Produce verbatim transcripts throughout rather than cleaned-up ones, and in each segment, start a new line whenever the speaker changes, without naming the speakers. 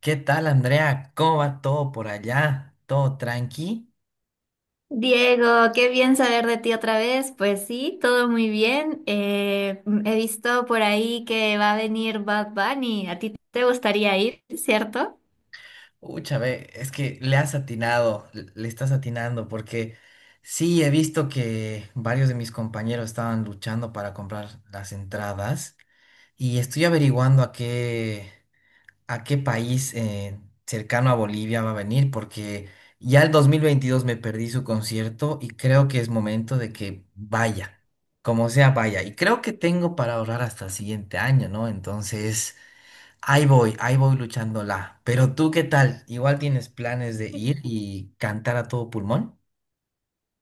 ¿Qué tal, Andrea? ¿Cómo va todo por allá? ¿Todo tranqui?
Diego, qué bien saber de ti otra vez. Pues sí, todo muy bien. Eh, mm, he visto por ahí que va a venir Bad Bunny. ¿A ti te gustaría ir, cierto?
Ucha, ve, es que le has atinado, l- le estás atinando, porque sí, he visto que varios de mis compañeros estaban luchando para comprar las entradas y estoy averiguando a qué. a qué país eh, cercano a Bolivia va a venir, porque ya el dos mil veintidós me perdí su concierto y creo que es momento de que vaya, como sea, vaya. Y creo que tengo para ahorrar hasta el siguiente año, ¿no? Entonces, ahí voy, ahí voy luchándola. Pero tú, ¿qué tal? ¿Igual tienes planes de ir y cantar a todo pulmón?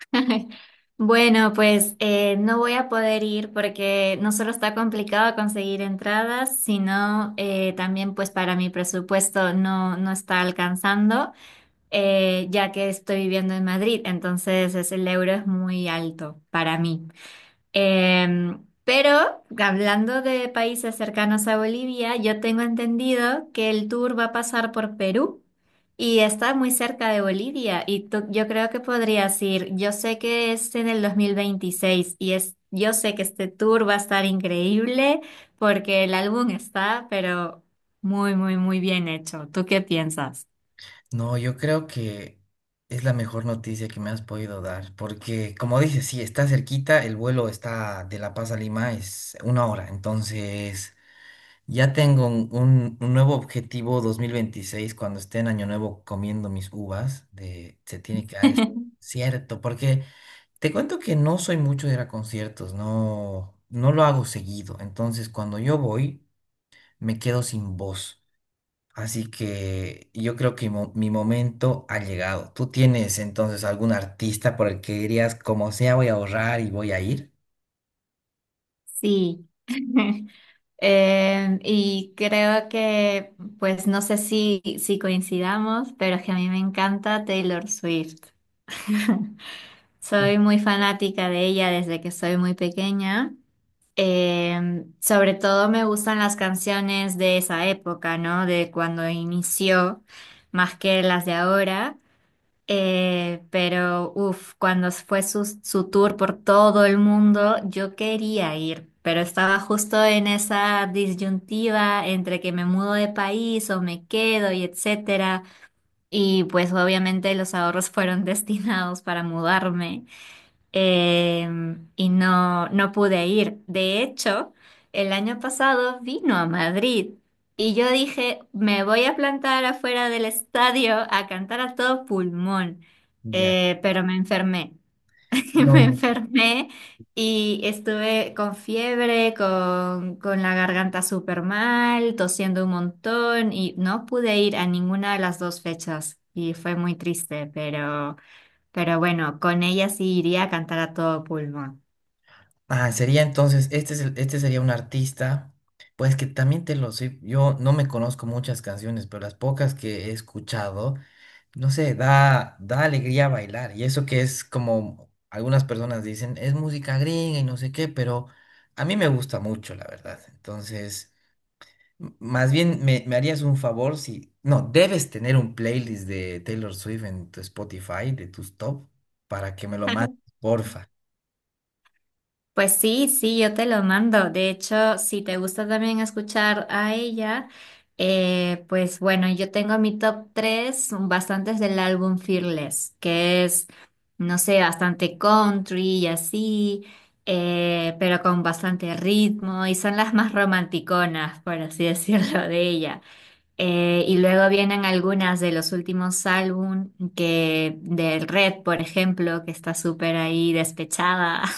Bueno, pues eh, no voy a poder ir porque no solo está complicado conseguir entradas, sino eh, también pues para mi presupuesto no, no está alcanzando, eh, ya que estoy viviendo en Madrid, entonces es- el euro es muy alto para mí. Em, pero hablando de países cercanos a Bolivia, yo tengo entendido que el tour va a pasar por Perú y está muy cerca de Bolivia y tú- yo creo que podrías ir. Yo sé que es en el dos mil veintiséis y es, yo sé que este tour va a estar increíble porque el álbum está, pero muy, muy, muy bien hecho. ¿Tú qué piensas?
No, yo creo que es la mejor noticia que me has podido dar, porque como dices, sí, está cerquita, el vuelo está de La Paz a Lima, es una hora, entonces ya tengo un, un- un nuevo objetivo dos mil veintiséis cuando esté en Año Nuevo comiendo mis uvas, de se tiene que dar es- cierto, porque te cuento que no soy mucho de ir a conciertos, no, no lo hago seguido, entonces cuando yo voy me quedo sin voz. Así que yo creo que mo- mi momento ha llegado. ¿Tú tienes entonces algún artista por el que dirías, como sea, voy a ahorrar y voy a ir?
Sí. Em, y creo que, pues no sé si, si coincidamos, pero es que a mí me encanta Taylor Swift. Soy muy fanática de ella desde que soy muy pequeña. Em, sobre todo me gustan las canciones de esa época, ¿no? De cuando inició, más que las de ahora. Eh, pero, uff, cuando fue su, su tour por todo el mundo, yo quería ir, pero estaba justo en esa disyuntiva entre que me mudo de país o me quedo y etcétera. Y pues obviamente los ahorros fueron destinados para mudarme eh, y no, no pude ir. De hecho, el año pasado vino a Madrid y yo dije, me voy a plantar afuera del estadio a cantar a todo pulmón.
Ya.
Eh, pero me enfermé. Me
No.
enfermé y estuve con fiebre, con, con la garganta súper mal, tosiendo un montón y no pude ir a ninguna de las dos fechas y fue muy triste, pero... Pero bueno, con ella sí iría a cantar a todo pulmón.
Ah, sería entonces, este es el- este sería un artista, pues que también te lo sé, yo no me conozco muchas canciones, pero las pocas que he escuchado, no sé, da, da alegría bailar. Y eso que es como algunas personas dicen, es música gringa y no sé qué, pero a mí me gusta mucho, la verdad. Entonces... M- Más bien, me, me harías un favor si... No, debes tener un playlist de Taylor Swift en tu Spotify, de tus top, para que me lo mandes, porfa.
Pues sí, sí, yo te lo mando. De hecho, si te gusta también escuchar a ella, eh, pues bueno, yo tengo mi top tres, bastantes del álbum Fearless, que es, no sé, bastante country y así, eh, pero con bastante ritmo y son las más romanticonas, por así decirlo, de ella. Eh, y luego vienen algunas de los últimos álbum que del Red, por ejemplo, que está súper ahí despechada.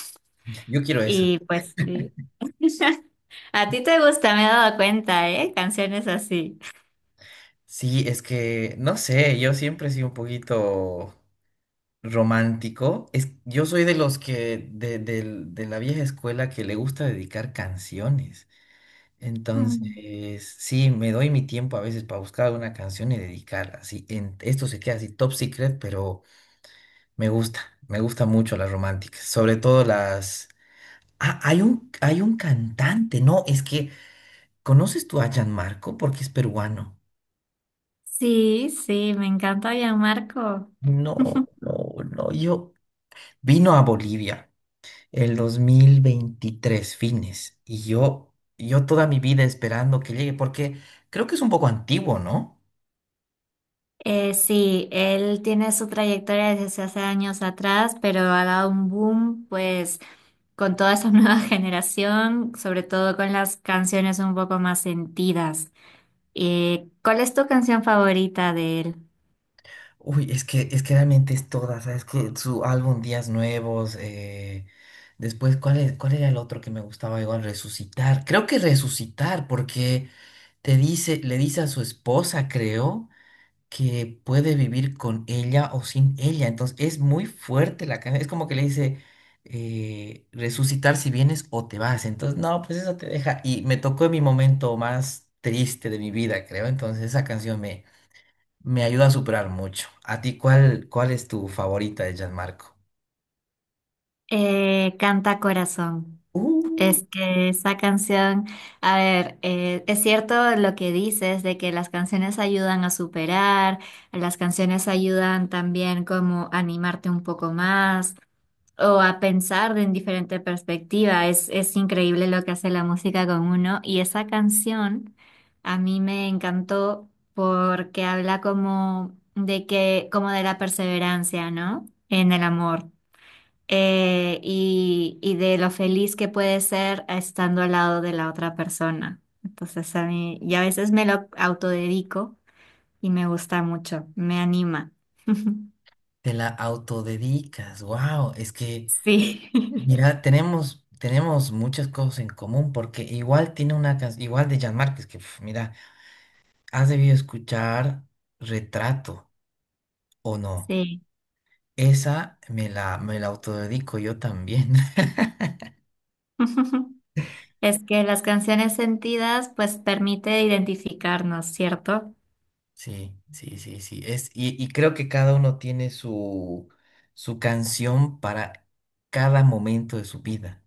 Yo quiero eso.
Y pues sí. A ti te gusta, me he dado cuenta, ¿eh? Canciones así.
Sí, es que, no sé, yo siempre he sido un poquito romántico. Es, yo soy de los que, de, del- de la vieja escuela que le gusta dedicar canciones.
Mm.
Entonces, sí, me doy mi tiempo a veces para buscar una canción y dedicarla. Sí, en- esto se queda así top secret, pero... Me gusta, me gusta mucho las románticas, sobre todo las... Ah, hay un, hay un cantante, no, es que, ¿conoces tú a Marco? Porque es peruano.
Sí, sí, me encanta Gianmarco.
No, no, no, yo... Vino a Bolivia el dos mil veintitrés fines, y yo, yo toda mi vida esperando que llegue, porque creo que es un poco antiguo, ¿no?
Eh, sí, él tiene su trayectoria desde hace años atrás, pero ha dado un boom, pues, con toda esa nueva generación, sobre todo con las canciones un poco más sentidas. ¿Y cuál es tu canción favorita de él?
Uy, es que, es que realmente es toda, ¿sabes? Que su álbum Días Nuevos, eh, después, ¿cuál es, ¿cuál era el otro que me gustaba igual? Resucitar. Creo que Resucitar, porque te dice, le dice a su esposa, creo, que puede vivir con ella o sin ella. Entonces, es muy fuerte la canción. Es como que le dice, eh, resucitar si vienes o te vas. Entonces, no, pues eso te deja. Y me tocó en mi momento más triste de mi vida, creo. Entonces, esa canción me ayuda a superar mucho. ¿A ti cuál, cuál es tu favorita de Gianmarco?
Eh, Canta Corazón.
Uh,
Es que esa canción, a ver, eh, es cierto lo que dices de que las canciones ayudan a superar, las canciones ayudan también como a animarte un poco más, o a pensar de en diferente perspectiva. Es, es increíble lo que hace la música con uno. Y esa canción a mí me encantó porque habla como de que, como de la perseverancia, ¿no? En el amor. Eh, y, y de lo feliz que puede ser estando al lado de la otra persona. Entonces a mí, y a veces me lo autodedico y me gusta mucho, me anima.
te la autodedicas. Wow, es que,
Sí,
mira, tenemos, tenemos muchas cosas en común porque igual tiene una canción, igual de Jan es que, pf, mira, has debido escuchar Retrato o no.
sí.
Esa me la, me la autodedico yo también.
Es que las canciones sentidas pues permite identificarnos, ¿cierto?
Sí, sí, sí, sí. Es, y, y creo que cada uno tiene su, su canción para cada momento de su vida.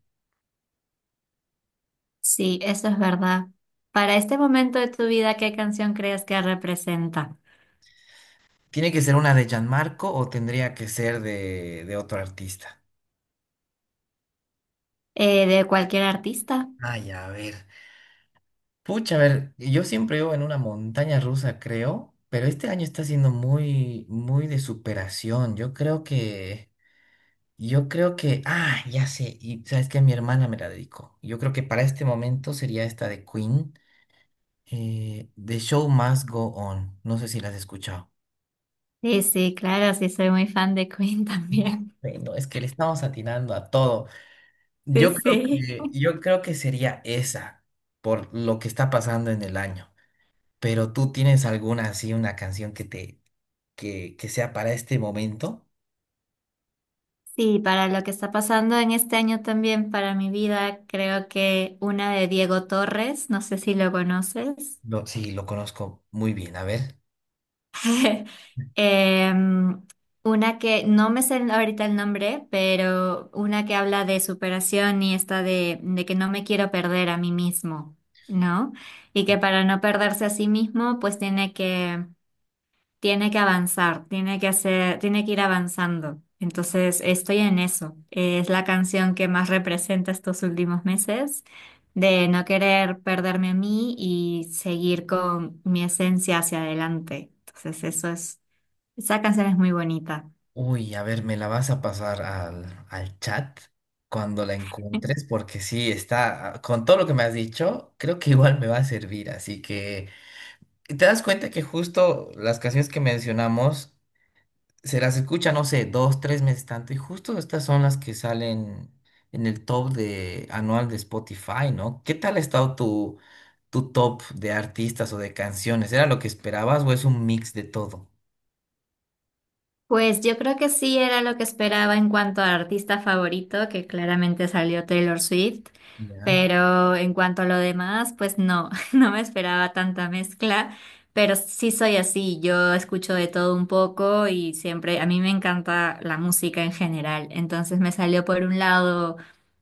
Sí, eso es verdad. Para este momento de tu vida, ¿qué canción crees que representa?
¿Tiene que ser una de Gianmarco o tendría que ser de, de otro artista?
Eh, ¿de cualquier artista?
Ay, a ver. Pucha, a ver, yo siempre vivo en una montaña rusa, creo, pero este año está siendo muy, muy de superación. Yo creo que, yo creo que, ah, ya sé, y sabes que mi hermana me la dedicó. Yo creo que para este momento sería esta de Queen, eh, The Show Must Go On. No sé si la has escuchado.
Sí, sí, claro, sí, soy muy fan de Queen también.
Bueno, es que le estamos atinando a todo.
Sí,
Yo creo
sí.
que, yo creo que sería esa, por lo que está pasando en el año. Pero tú tienes alguna así, una canción que te, que, que sea para este momento.
Sí, para lo que está pasando en este año también para mi vida, creo que una de Diego Torres, no sé si lo conoces.
Lo, sí, lo conozco muy bien. A ver.
Em, una que no me sé ahorita el nombre, pero una que habla de superación y esta de, de que no me quiero perder a mí mismo, ¿no? Y que para no perderse a sí mismo, pues tiene que tiene que avanzar, tiene que hacer, tiene que ir avanzando. Entonces, estoy en eso. Es la canción que más representa estos últimos meses, de no querer perderme a mí y seguir con mi esencia hacia adelante. Entonces, eso es, esa canción es muy bonita.
Uy, a ver, me la vas a pasar al, al chat cuando la encuentres, porque sí, está, con todo lo que me has dicho, creo que igual me va a servir. Así que te das cuenta que justo las canciones que mencionamos se las escucha, no sé, dos, tres meses tanto. Y justo estas son las que salen en el top de anual de Spotify, ¿no? ¿Qué tal ha estado tu, tu top de artistas o de canciones? ¿Era lo que esperabas o es un mix de todo?
Pues yo creo que sí era lo que esperaba en cuanto a artista favorito, que claramente salió Taylor Swift,
¿Ya?
pero en cuanto a lo demás, pues no, no me esperaba tanta mezcla, pero sí soy así, yo escucho de todo un poco y siempre, a mí me encanta la música en general, entonces me salió por un lado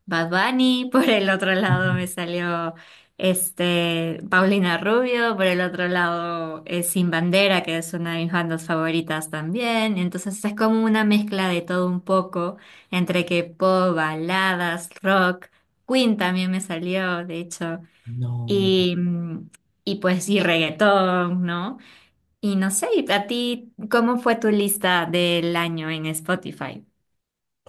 Bad Bunny, por el otro
Ujú.
lado me salió este, Paulina Rubio, por el otro lado, eh, Sin Bandera, que es una de mis bandas favoritas también. Entonces es como una mezcla de todo un poco, entre que pop, baladas, rock. Queen también me salió, de hecho.
No.
Y, mm, y pues, y reggaetón, ¿no? Y no sé, ¿y a ti, ¿cómo fue tu lista del año en Spotify?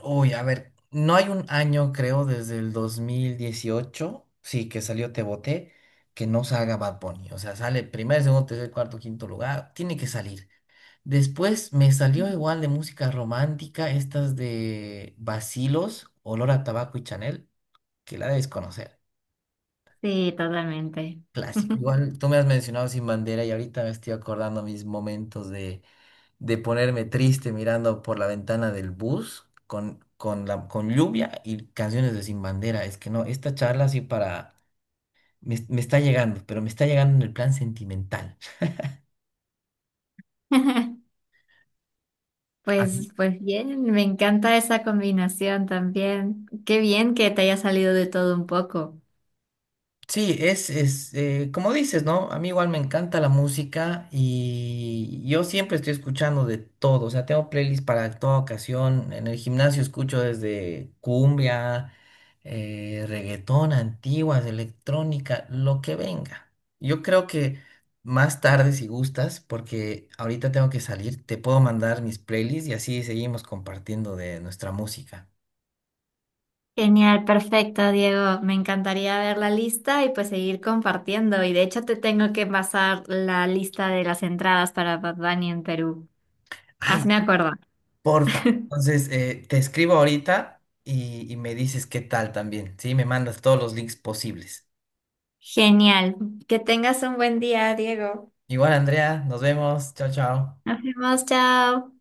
Uy, a ver, no hay un año, creo, desde el dos mil dieciocho sí, que salió Te Boté, que no salga Bad Bunny. O sea, sale primer, segundo, tercer, cuarto, quinto lugar. Tiene que salir. Después me salió igual de música romántica, estas de Bacilos, Olor a Tabaco y Chanel, que la debes conocer.
Sí, totalmente.
Clásico. Igual tú me has mencionado Sin Bandera y ahorita me estoy acordando mis momentos de, de ponerme triste mirando por la ventana del bus con, con, la, con lluvia y canciones de Sin Bandera. Es que no, esta charla sí para... Me, me está llegando, pero me está llegando en el plan sentimental.
Pues, pues bien, me encanta esa combinación también. Qué bien que te haya salido de todo un poco.
Sí, es, es eh, como dices, ¿no? A mí igual me encanta la música y yo siempre estoy escuchando de todo, o sea, tengo playlists para toda ocasión. En el gimnasio escucho desde cumbia, eh, reggaetón, antiguas, electrónica, lo que venga. Yo creo que más tarde, si gustas, porque ahorita tengo que salir, te puedo mandar mis playlists y así seguimos compartiendo de nuestra música.
Genial, perfecto, Diego. Me encantaría ver la lista y pues seguir compartiendo. Y de hecho te tengo que pasar la lista de las entradas para Bad Bunny en Perú.
Ay,
Hazme acuerdo.
porfa. Entonces, eh, te escribo ahorita y, y me dices qué tal también, ¿sí? Me mandas todos los links posibles.
Genial. Que tengas un buen día, Diego.
Igual, Andrea, nos vemos. Chao, chao.
Nos vemos, chao.